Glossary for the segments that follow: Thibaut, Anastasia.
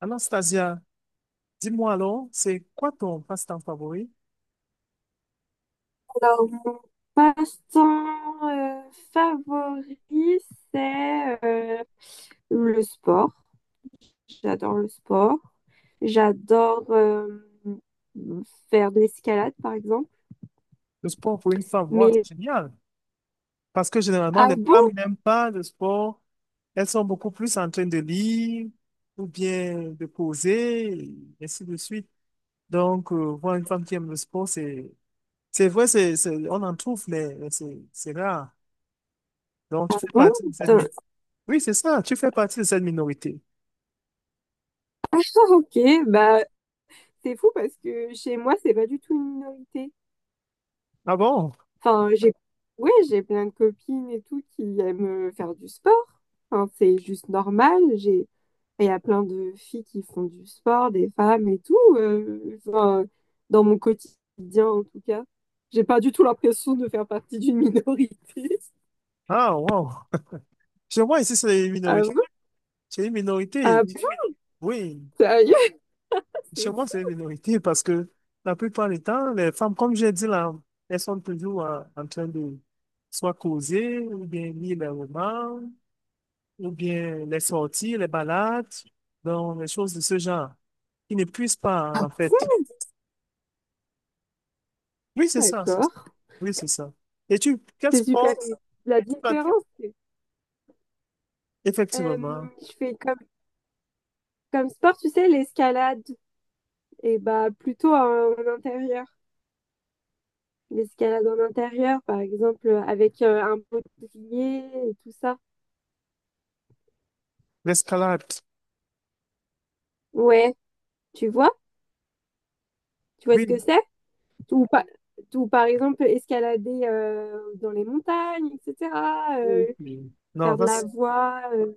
Anastasia, dis-moi alors, c'est quoi ton passe-temps favori? Alors, mon passe-temps favori, c'est le sport. J'adore le sport. J'adore faire de l'escalade, par exemple. Le sport pour une femme, wow, Mais, c'est génial. Parce que généralement, ah les femmes bon? n'aiment pas le sport. Elles sont beaucoup plus en train de lire ou bien de poser, et ainsi de suite. Donc, voir une femme qui aime le sport, c'est vrai, on en trouve, mais c'est rare. Donc, tu fais Bon, partie de cette putain. minorité. Oui, c'est ça, tu fais partie de cette minorité. Ah, ok, bah, c'est fou parce que chez moi, c'est pas du tout une minorité. Ah bon? Enfin, ouais, j'ai plein de copines et tout qui aiment faire du sport. Enfin, c'est juste normal. J'ai. Et il y a plein de filles qui font du sport, des femmes et tout, enfin, dans mon quotidien, en tout cas, j'ai pas du tout l'impression de faire partie d'une minorité. Ah, wow. Chez moi, ici, c'est une Ah minorité. bon? C'est une Ah minorité. bon? Oui. Sérieux? C'est Chez moi, c'est une fou, minorité parce que la plupart du temps, les femmes, comme j'ai dit là, elles sont toujours en train de soit causer, ou bien lire les romans, ou bien les sorties, les balades, donc les choses de ce genre. Ils ne puissent pas, en fait. Oui, c'est ça. C'est d'accord. Oui, c'est ça. Et quel C'est super. Ouais, c'est sport? ça. La Pas- différence, c'est euh, Effectivement, je fais comme sport, tu sais, l'escalade, et bah plutôt en intérieur. L'escalade en intérieur, par exemple, avec un bouclier et tout ça. l'escalade. Ouais, tu vois? Tu vois ce que Oui. c'est? Ou, pa- ou par exemple, escalader dans les montagnes, etc. euh, Ok. Non, Faire de la voie,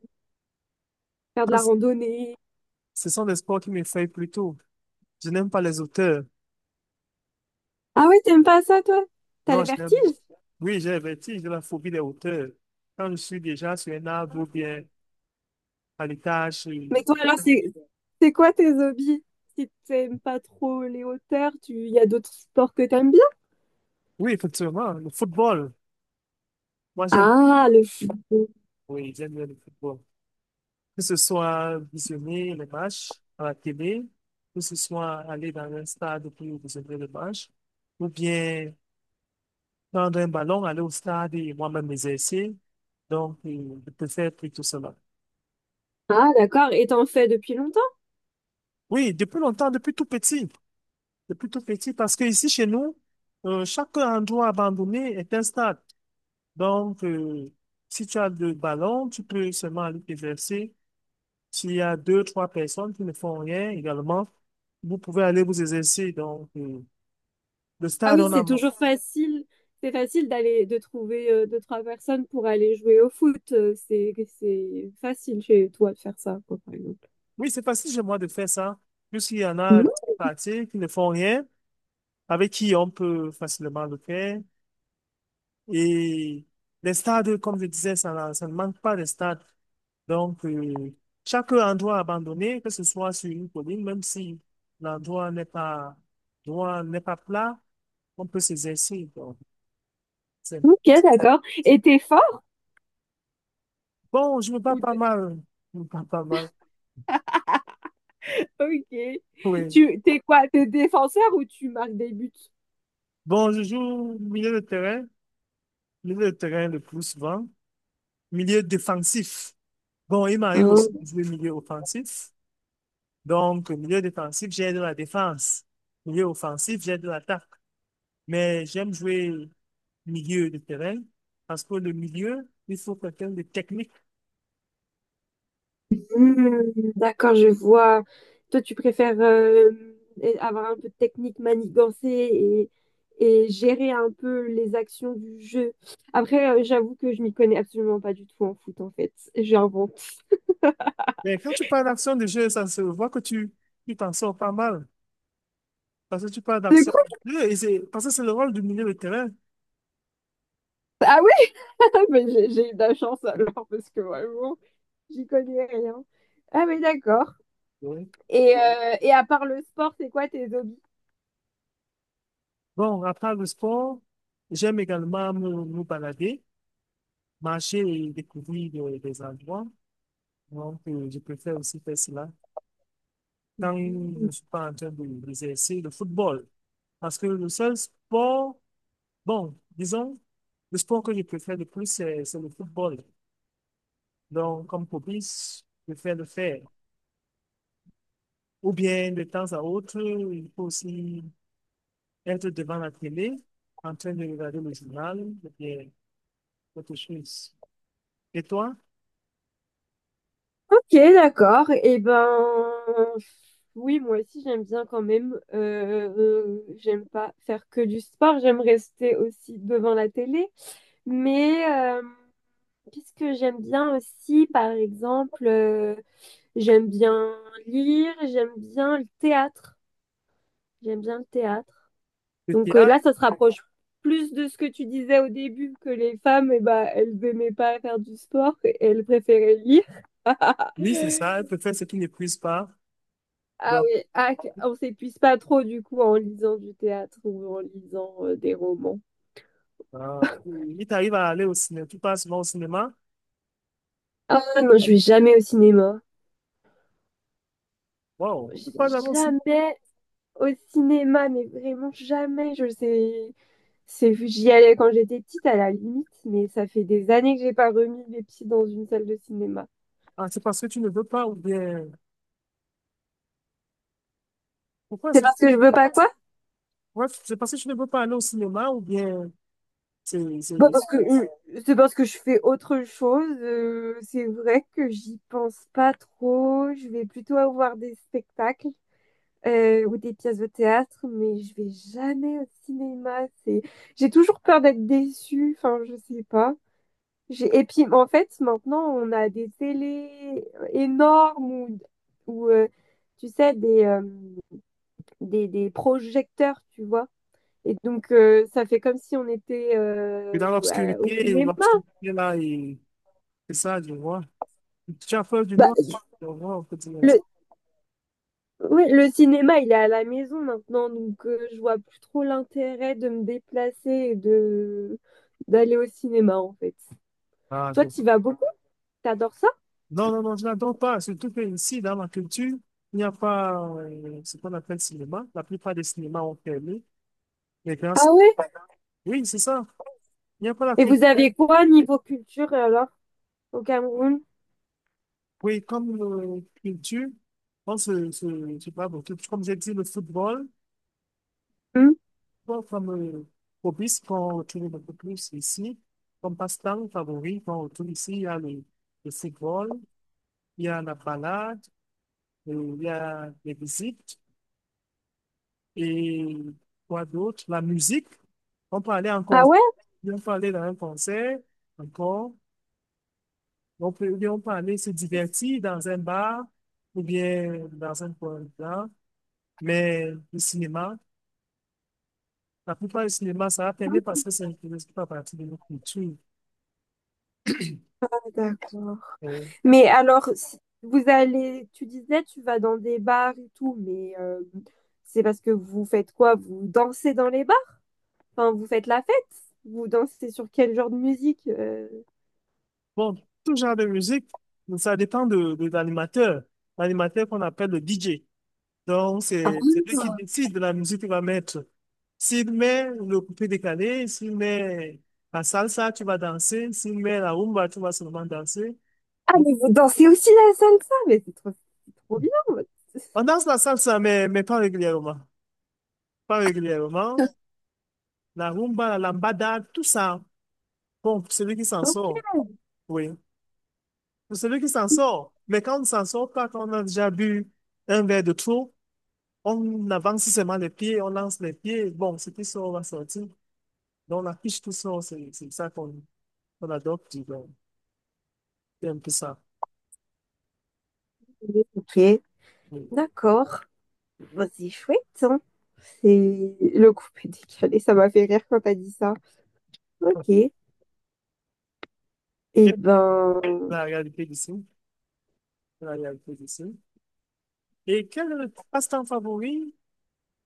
faire de ça, la c'est- randonnée. ce sont des sports qui m'effraient plutôt. Je n'aime pas les auteurs. Ah ouais, t'aimes pas ça, toi? T'as le Non, vertige? Pas. Oui, j'ai le vertige, j'ai la phobie des hauteurs. Quand je suis déjà sur un arbre ou bien à l'étage. Mais toi, alors, c'est quoi tes hobbies? Si t'aimes pas trop les hauteurs, tu il y a d'autres sports que t'aimes bien? Oui, effectivement, le football. Moi, j'aime, Ah, le foot. oui, j'aime bien le football. Que ce soit visionner les matchs à la télé, que ce soit aller dans un stade pour visionner les matchs, ou bien prendre un ballon, aller au stade et moi-même m'exercer. Donc, je préfère plutôt cela. Ah, d'accord. Et t'en fais depuis longtemps? Oui, depuis longtemps, depuis tout petit. C'est plutôt petit parce que ici chez nous, chaque endroit abandonné est un stade. Donc, si tu as deux ballons, tu peux seulement aller te verser. S'il y a deux, trois personnes qui ne font rien également, vous pouvez aller vous exercer. Donc, le Ah stade, oui, on a... c'est toujours facile. C'est facile d'aller de trouver deux, trois personnes pour aller jouer au foot. C'est facile chez toi de faire ça, quoi, par exemple. Oui, c'est facile chez moi de faire ça. Puisqu'il y en a Mhm. partie qui ne font rien, avec qui on peut facilement le faire. Et les stades, comme je disais, ça ne manque pas de stades. Donc, chaque endroit abandonné, que ce soit sur une colline, même si l'endroit n'est pas, l'endroit n'est pas plat, on peut s'exercer. Donc, c'est- Ok, d'accord. Et t'es fort bon, je me bats ou pas t'es- mal. Je me bats pas mal. Ok. Oui. Tu t'es quoi? T'es défenseur ou tu marques des buts? Bon, je joue milieu de terrain le plus souvent, milieu défensif. Bon, il m'arrive aussi de jouer milieu offensif. Donc, milieu défensif, j'ai de la défense. Milieu offensif, j'ai de l'attaque. Mais j'aime jouer milieu de terrain parce que le milieu, il faut quelqu'un de technique. Hmm, d'accord, je vois. Toi, tu préfères avoir un peu de technique, manigancer et gérer un peu les actions du jeu. Après, j'avoue que je m'y connais absolument pas du tout en foot, en fait. J'invente. Mais quand tu parles d'action de jeu, ça se voit que tu t'en sors pas mal parce que tu parles C'est d'action cool. de jeu et c'est parce que c'est le rôle du milieu de terrain. Ah oui, mais j'ai eu de la chance alors, parce que vraiment, j'y connais rien. Ah mais d'accord. Oui. Et à part le sport, c'est quoi tes hobbies? Bon, après le sport, j'aime également me balader, marcher et découvrir des endroits. Donc, je préfère aussi faire cela quand je Mhm. ne suis pas d'exercer le football. Parce que le seul sport bon, disons, le sport que je préfère le plus, c'est le football. Donc, comme hobby, je préfère le faire. Ou bien, de temps à autre, il faut aussi être devant la télé, en train de regarder le journal, ou bien autre chose. Et toi, Ok, d'accord. Eh ben, oui, moi aussi j'aime bien quand même. J'aime pas faire que du sport, j'aime rester aussi devant la télé. Mais qu'est-ce que j'aime bien aussi, par exemple, j'aime bien lire, j'aime bien le théâtre. J'aime bien le théâtre. le Donc théâtre? là, ça se rapproche plus de ce que tu disais au début, que les femmes, eh ben, elles n'aimaient pas faire du sport, et elles préféraient lire. Oui, c'est ça, je préfère ce qui n'épuise pas. Ah Donc, oui, on s'épuise pas trop du coup en lisant du théâtre ou en lisant des romans. euh, il t'arrive à aller au cinéma, tu passes souvent au cinéma. Ah ouais, non, je vais jamais au cinéma. Wow, Je vais pourquoi d'abord aussi? jamais au cinéma, mais vraiment jamais. Je sais, c'est j'y allais quand j'étais petite à la limite, mais ça fait des années que j'ai pas remis les pieds dans une salle de cinéma. Ah, c'est parce que tu ne veux pas, ou bien, pourquoi C'est c'est parce que je veux pas quoi? Ouais, c'est parce que tu ne veux pas aller au cinéma, ou bien. C'est, Bah c'est- parce que c'est parce que je fais autre chose. C'est vrai que j'y pense pas trop. Je vais plutôt voir des spectacles, ou des pièces de théâtre, mais je vais jamais au cinéma. C'est, j'ai toujours peur d'être déçue. Enfin, je sais pas. J'ai... Et puis, en fait, maintenant, on a des télés énormes ou tu sais, des projecteurs, tu vois. Et donc, ça fait comme si on était Puis dans au l'obscurité, cinéma. l'obscurité là, et c'est ça, je vois. Tu as peur du Bah, noir? Je vois, on peut dire. le, oui, le cinéma, il est à la maison maintenant, donc je vois plus trop l'intérêt de me déplacer et de d'aller au cinéma en fait. Ah, Toi, tu vas beaucoup? T'adores ça? non, non, non, je n'adore pas. Surtout que ici, dans la culture, il n'y a pas ce qu'on appelle cinéma. La plupart des cinémas ont fermé. Les grands... Ah ouais? Oui, c'est ça. Il n'y a pas la Et vous culture. avez quoi niveau culture alors au Cameroun? Oui, comme culture, on se parle beaucoup. Comme j'ai dit, le football, Hmm. bon, comme hobby, ce qu'on retrouve beaucoup plus ici, comme passe-temps favori qu'on retrouve ici, il y a le football, il y a la balade, il y a les visites, et quoi d'autre? La musique. On peut aller en Ah concert, ouais? on peut aller dans un concert, encore. On peut, ou bien on peut aller se divertir dans un bar, ou bien dans un coin blanc. Mais le cinéma, la plupart du cinéma, ça va permettre parce que ça ne fait pas partie de notre culture. Ah, d'accord. Euh, Mais alors, si vous allez, tu disais, tu vas dans des bars et tout, mais c'est parce que vous faites quoi? Vous dansez dans les bars? Enfin, vous faites la fête? Vous dansez sur quel genre de musique? Bon, tout genre de musique, ça dépend de l'animateur. L'animateur qu'on appelle le DJ. Donc, c'est lui qui décide de la musique qu'il va mettre. S'il met le coupé décalé, s'il met la salsa, tu vas danser. S'il met la rumba, tu vas seulement danser. Ah, Bon. mais vous dansez aussi la salsa, mais c'est trop bien. On danse la salsa, mais pas régulièrement. Pas régulièrement. La rumba, la lambada, tout ça. Bon, pour celui qui s'en Ok, sort, oui. Pour celui qui s'en sort. Mais quand on ne s'en sort pas, quand on a déjà bu un verre de trop, on avance seulement les pieds, on lance les pieds. Bon, ce qui sort va sortir. Donc, la fiche tout sort, c'est ça qu'on. Voilà, donc, tu vois, un peu ça. ok, Oui. d'accord. Bah, c'est chouette, hein. C'est le coup est décalé, ça m'a fait rire quand t'as dit ça. Ok. Eh Et ben, la réalité d'ici, la réalité d'ici. Et quel passe-temps favori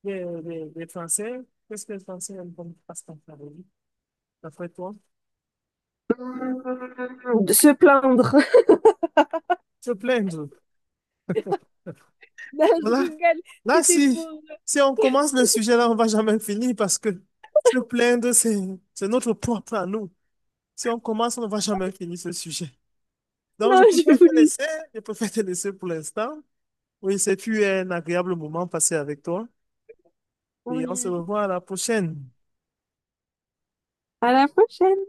des Français? Qu'est-ce que les Français aiment comme passe-temps favori, d'après toi? hmm, de se plaindre. Se plaindre. Non, je Voilà. rigole, Là, c'était si, pour... si on commence le sujet, là, on va jamais finir parce que se plaindre, c'est notre propre à nous. Si on commence, on ne va jamais finir ce sujet. Donc, Non, j'ai voulu. Je préfère te laisser pour l'instant. Oui, c'est fut un agréable moment passé avec toi. Et on se Oui. revoit à la prochaine. À la prochaine.